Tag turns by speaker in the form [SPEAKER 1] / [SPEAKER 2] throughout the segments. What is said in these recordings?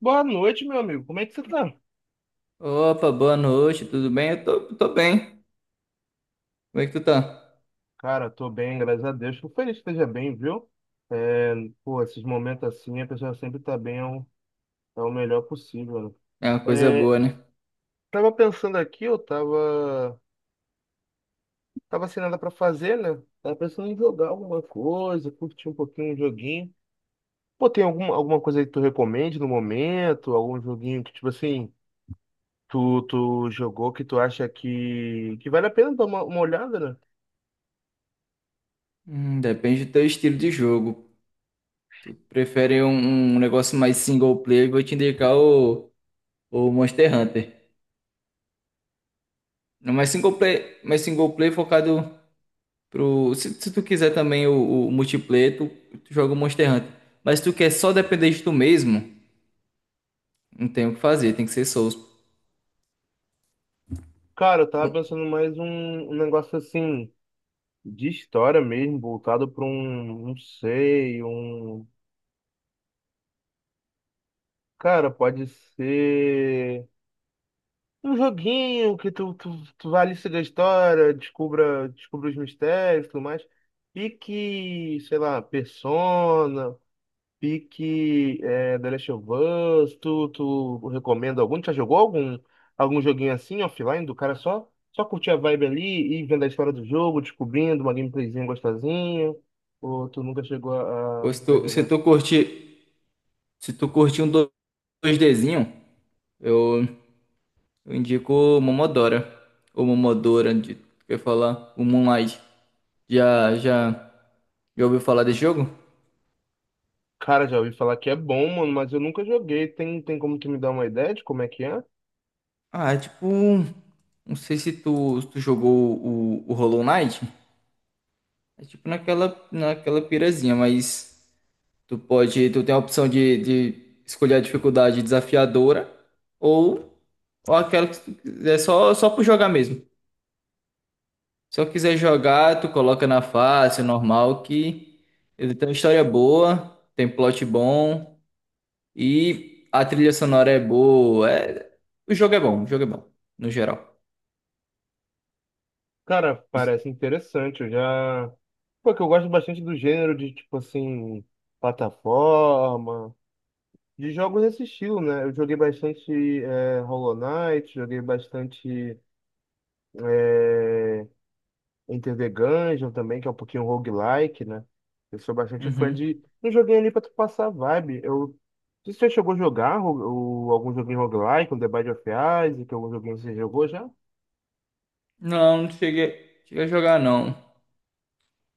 [SPEAKER 1] Boa noite, meu amigo. Como é que você tá?
[SPEAKER 2] Opa, boa noite, tudo bem? Eu tô bem. Como é que tu tá?
[SPEAKER 1] Cara, tô bem, graças a Deus. Fico feliz que esteja bem, viu? É, pô, esses momentos assim, a pessoa sempre tá bem, é o melhor possível, né?
[SPEAKER 2] É uma coisa boa, né?
[SPEAKER 1] Tava pensando aqui, tava sem nada pra fazer, né? Tava pensando em jogar alguma coisa, curtir um pouquinho um joguinho. Pô, tem alguma coisa aí que tu recomende no momento? Algum joguinho que, tipo assim, tu jogou que tu acha que vale a pena dar uma olhada, né?
[SPEAKER 2] Depende do teu estilo de jogo. Tu prefere um negócio mais single player, eu vou te indicar o Monster Hunter. Não, mas single player, mas single player focado pro. Se tu quiser também o multiplayer, tu joga o Monster Hunter. Mas se tu quer só depender de tu mesmo, não tem o que fazer, tem que ser Souls.
[SPEAKER 1] Cara, eu tava pensando mais um negócio assim. De história mesmo, voltado para um, não sei, um. Cara, pode ser um joguinho que tu vai ali seguir a história, descubra os mistérios e tudo mais. E que, sei lá, Persona. Pique é, The Last of Us, tu recomenda algum? Tu já jogou algum joguinho assim, offline, do cara só, só curtir a vibe ali e vendo a história do jogo, descobrindo uma gameplayzinha gostosinha? Ou tu nunca chegou
[SPEAKER 2] Pô,
[SPEAKER 1] a
[SPEAKER 2] se
[SPEAKER 1] jogar?
[SPEAKER 2] tu curtir, se tu curtir um dois dzinho eu. Eu indico o Momodora. Ou Momodora, de, quer falar? O Moonlight. Já, já, já ouviu falar desse jogo?
[SPEAKER 1] Cara, já ouvi falar que é bom, mano, mas eu nunca joguei. Tem como tu me dar uma ideia de como é que é?
[SPEAKER 2] Ah, é tipo um. Não sei se tu, se tu jogou o Hollow Knight. É tipo naquela pirazinha, mas tu pode. Tu tem a opção de escolher a dificuldade desafiadora ou, ou aquela que tu quiser, só por jogar mesmo. Se eu quiser jogar, tu coloca na fácil, normal, que ele tem uma história boa, tem plot bom. E a trilha sonora é boa. O jogo é bom, o jogo é bom, no geral.
[SPEAKER 1] Cara, parece interessante. Eu já. Porque eu gosto bastante do gênero de, tipo assim, plataforma. De jogos nesse estilo, né? Eu joguei bastante Hollow Knight, joguei bastante é, Enter the Gungeon também, que é um pouquinho roguelike, né? Eu sou bastante fã
[SPEAKER 2] Uhum.
[SPEAKER 1] de. Não joguei ali pra tu passar a vibe. Não sei se você chegou a jogar algum joguinho roguelike, um The Binding of Isaac, algum joguinho que você jogou já?
[SPEAKER 2] Não, não cheguei a jogar não.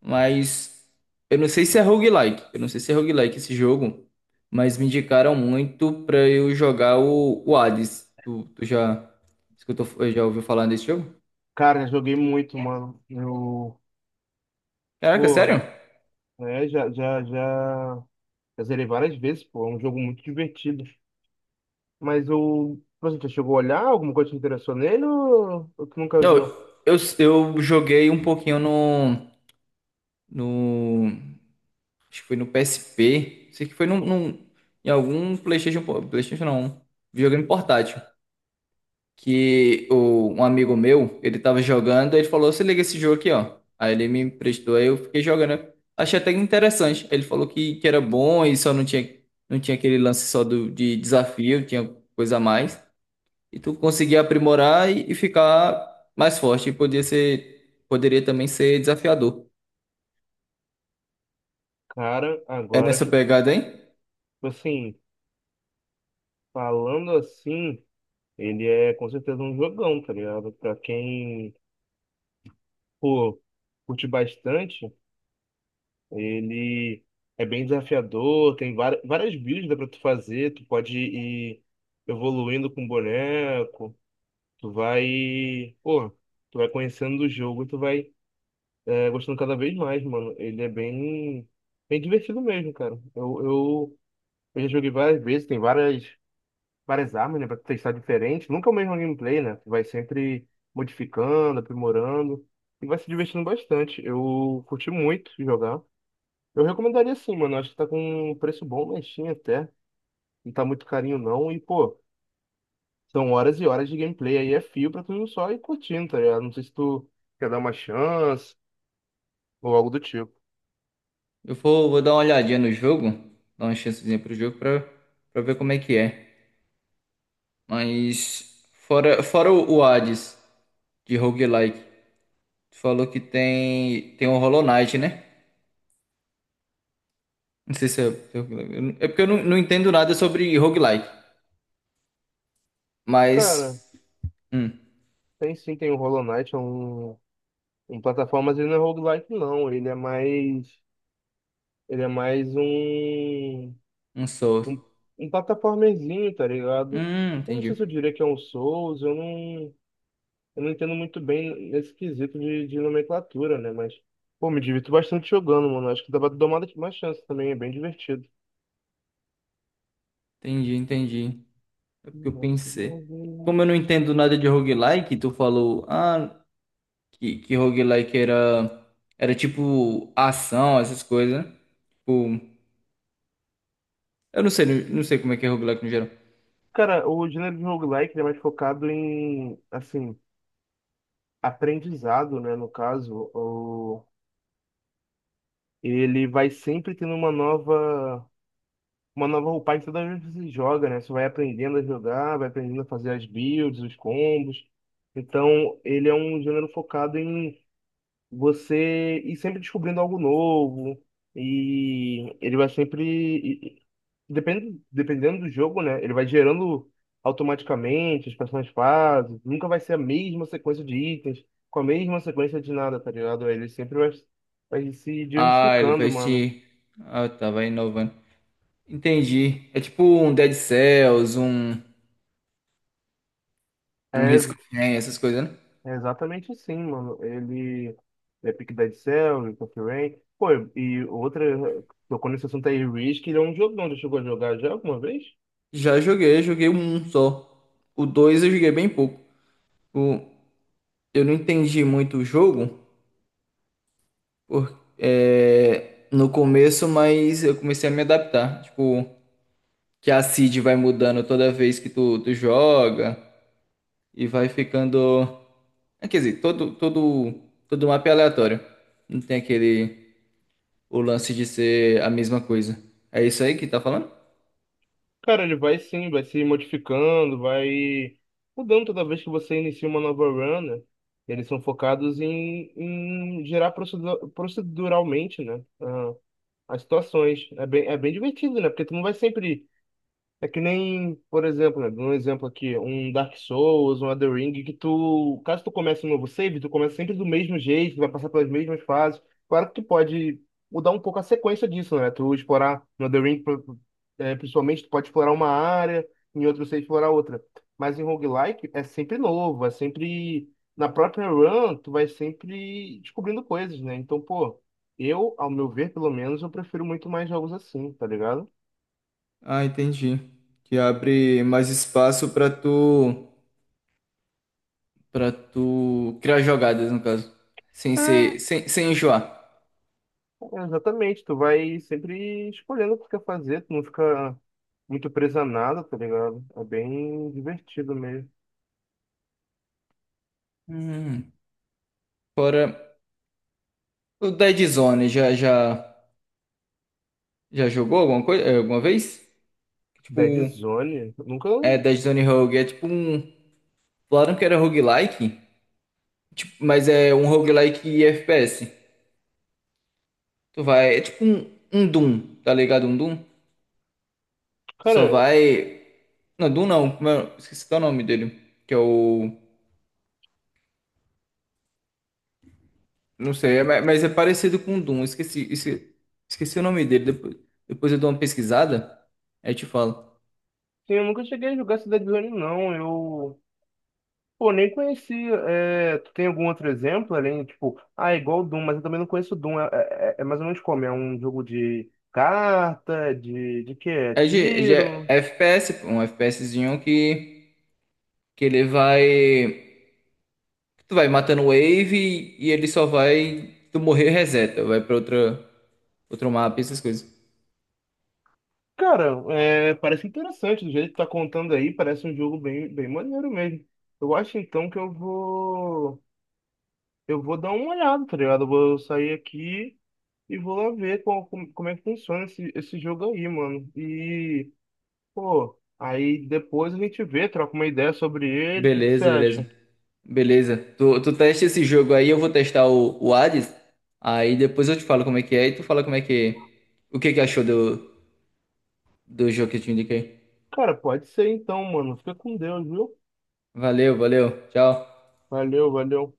[SPEAKER 2] Mas eu não sei se é roguelike. Eu não sei se é roguelike esse jogo. Mas me indicaram muito pra eu jogar o Hades. Tu já escutou, já ouviu falar desse jogo?
[SPEAKER 1] Cara, joguei muito, mano. Eu,
[SPEAKER 2] Caraca,
[SPEAKER 1] pô,
[SPEAKER 2] sério?
[SPEAKER 1] é, já zerei várias vezes, pô. É um jogo muito divertido. Mas o. Você já chegou a olhar? Alguma coisa te interessou nele ou tu nunca
[SPEAKER 2] Não,
[SPEAKER 1] viu?
[SPEAKER 2] eu joguei um pouquinho no. Acho que foi no PSP. Sei que foi em algum PlayStation, PlayStation não, videogame portátil. Que o, um amigo meu, ele tava jogando, aí ele falou: "Você liga esse jogo aqui, ó." Aí ele me emprestou, aí eu fiquei jogando. Achei até interessante. Ele falou que era bom e só não tinha, não tinha aquele lance só do, de desafio, tinha coisa a mais. E tu conseguia aprimorar e ficar mais forte. E podia ser, poderia também ser desafiador.
[SPEAKER 1] Cara,
[SPEAKER 2] É
[SPEAKER 1] agora
[SPEAKER 2] nessa
[SPEAKER 1] que, tipo
[SPEAKER 2] pegada, hein?
[SPEAKER 1] assim, falando assim, ele é com certeza um jogão, tá ligado? Pra quem, pô, curte bastante, ele é bem desafiador, tem várias builds dá pra tu fazer, tu pode ir evoluindo com o boneco, tu vai, pô, tu vai conhecendo o jogo, tu vai tá gostando cada vez mais, mano. Ele é bem divertido mesmo, cara. Eu já joguei várias vezes, tem várias armas, né, pra testar diferente. Nunca é o mesmo gameplay, né? Tu vai sempre modificando, aprimorando e vai se divertindo bastante. Eu curti muito jogar. Eu recomendaria sim, mano. Acho que tá com um preço bom na Steam até. Não tá muito carinho não. E, pô, são horas e horas de gameplay aí. É fio pra tu só ir curtindo, tá ligado? Não sei se tu quer dar uma chance ou algo do tipo.
[SPEAKER 2] Eu vou dar uma olhadinha no jogo, dar uma chancezinha pro jogo pra, pra ver como é que é. Mas fora o Hades de roguelike, tu falou que tem o Hollow Knight, né? Não sei se se é roguelike. Eu não- É porque eu não, não entendo nada sobre roguelike,
[SPEAKER 1] Cara.
[SPEAKER 2] mas hum,
[SPEAKER 1] Tem sim, tem o Hollow Knight, é um... em plataformas ele não é roguelike não, ele é mais
[SPEAKER 2] um Souls.
[SPEAKER 1] um, um plataformezinho, tá ligado? Eu não sei
[SPEAKER 2] Entendi.
[SPEAKER 1] se eu diria que é um Souls, eu não entendo muito bem nesse quesito de nomenclatura, né? Mas, pô, me divirto bastante jogando, mano, acho que dá pra dar uma chance também, é bem divertido.
[SPEAKER 2] Entendi, entendi. É porque eu
[SPEAKER 1] Nossa, não
[SPEAKER 2] pensei.
[SPEAKER 1] vi.
[SPEAKER 2] Como eu não entendo nada de roguelike, tu falou, ah, que roguelike era tipo ação, essas coisas, né? Tipo, eu não sei, não sei como é que é roguelike no geral.
[SPEAKER 1] Cara, o gênero de roguelike ele é mais focado em, assim, aprendizado, né? No caso, ele vai sempre tendo uma nova roupagem toda vez que você joga, né? Você vai aprendendo a jogar, vai aprendendo a fazer as builds, os combos. Então, ele é um gênero focado em você ir sempre descobrindo algo novo. E ele vai sempre. Dependendo do jogo, né? Ele vai gerando automaticamente as próximas fases. Nunca vai ser a mesma sequência de itens, com a mesma sequência de nada, tá ligado? Ele sempre vai se
[SPEAKER 2] Ah, ele
[SPEAKER 1] diversificando,
[SPEAKER 2] vai
[SPEAKER 1] mano.
[SPEAKER 2] se. Ah, tá, vai inovando. Entendi. É tipo um Dead Cells, um Risk
[SPEAKER 1] É,
[SPEAKER 2] of Rain, essas coisas, né?
[SPEAKER 1] é exatamente sim mano. Ele é pique Dead Cell, Rick of Rain. Pô, e outra, tocou nesse assunto aí, Risk, ele é um jogão. Já chegou a jogar já alguma vez?
[SPEAKER 2] Já joguei, joguei um só. O dois eu joguei bem pouco. O, eu não entendi muito o jogo por, é, no começo, mas eu comecei a me adaptar. Tipo, que a seed vai mudando toda vez que tu joga e vai ficando. É, quer dizer, todo mapa é aleatório. Não tem aquele o lance de ser a mesma coisa. É isso aí que tá falando?
[SPEAKER 1] Cara, ele vai sim, vai se modificando, vai mudando toda vez que você inicia uma nova run, né? Eles são focados em, em gerar proceduralmente, né? As situações. É bem divertido, né? Porque tu não vai sempre é que nem, por exemplo, né, um exemplo aqui, um Dark Souls, um Elden Ring, que tu, caso tu comece um novo save, tu começa sempre do mesmo jeito, vai passar pelas mesmas fases. Claro que tu pode mudar um pouco a sequência disso, né? Tu explorar no Elden Ring, principalmente, tu pode explorar uma área, em outro save explorar outra. Mas em roguelike é sempre novo, é sempre na própria run, tu vai sempre descobrindo coisas, né? Então, pô, eu, ao meu ver, pelo menos, eu prefiro muito mais jogos assim, tá ligado?
[SPEAKER 2] Ah, entendi. Que abre mais espaço pra tu para tu criar jogadas, no caso, sem ser sem, sem enjoar.
[SPEAKER 1] É, exatamente, tu vai sempre escolhendo o que tu quer fazer, tu não fica muito preso a nada, tá ligado? É bem divertido mesmo.
[SPEAKER 2] Hum. Fora o Dead Zone, já jogou alguma coisa, alguma vez? Tipo,
[SPEAKER 1] Dead Zone, eu nunca.
[SPEAKER 2] é Dead Zone Rogue, é tipo um. Falaram que era roguelike, tipo, mas é um roguelike e FPS. Tu vai, é tipo um Doom, tá ligado? Um Doom. Só
[SPEAKER 1] Cara,
[SPEAKER 2] vai. Não, Doom não, esqueci até o nome dele. Que é o. Não sei, é- mas é parecido com o Doom. Esqueci o nome dele. Depois eu dou uma pesquisada, aí eu te falo.
[SPEAKER 1] sim, eu nunca cheguei a jogar esse Dead Zone, não. Eu. Pô, nem conhecia. É, tu tem algum outro exemplo além, tipo, ah, é igual o Doom, mas eu também não conheço o Doom. É, é é mais ou menos como? É um jogo de carta, de quê? É
[SPEAKER 2] É de
[SPEAKER 1] tiro?
[SPEAKER 2] FPS, um FPSzinho que ele vai. Tu vai matando wave e ele só vai. Tu morrer reseta, vai pra outra, outro mapa, essas coisas.
[SPEAKER 1] Cara, é, parece interessante do jeito que tá contando aí, parece um jogo bem, bem maneiro mesmo. Eu acho então que eu vou dar uma olhada, tá ligado? Eu vou sair aqui e vou lá ver como, como, como é que funciona esse, esse jogo aí, mano. E, pô, aí depois a gente vê, troca uma ideia sobre ele, o que que você
[SPEAKER 2] Beleza,
[SPEAKER 1] acha?
[SPEAKER 2] beleza. Beleza. Tu testa esse jogo aí, eu vou testar o Hades. Aí depois eu te falo como é que é e tu fala como é que. O que que achou do, do jogo que eu te indiquei.
[SPEAKER 1] Cara, pode ser então, mano. Fica com Deus, viu?
[SPEAKER 2] Valeu, valeu. Tchau.
[SPEAKER 1] Valeu, valeu.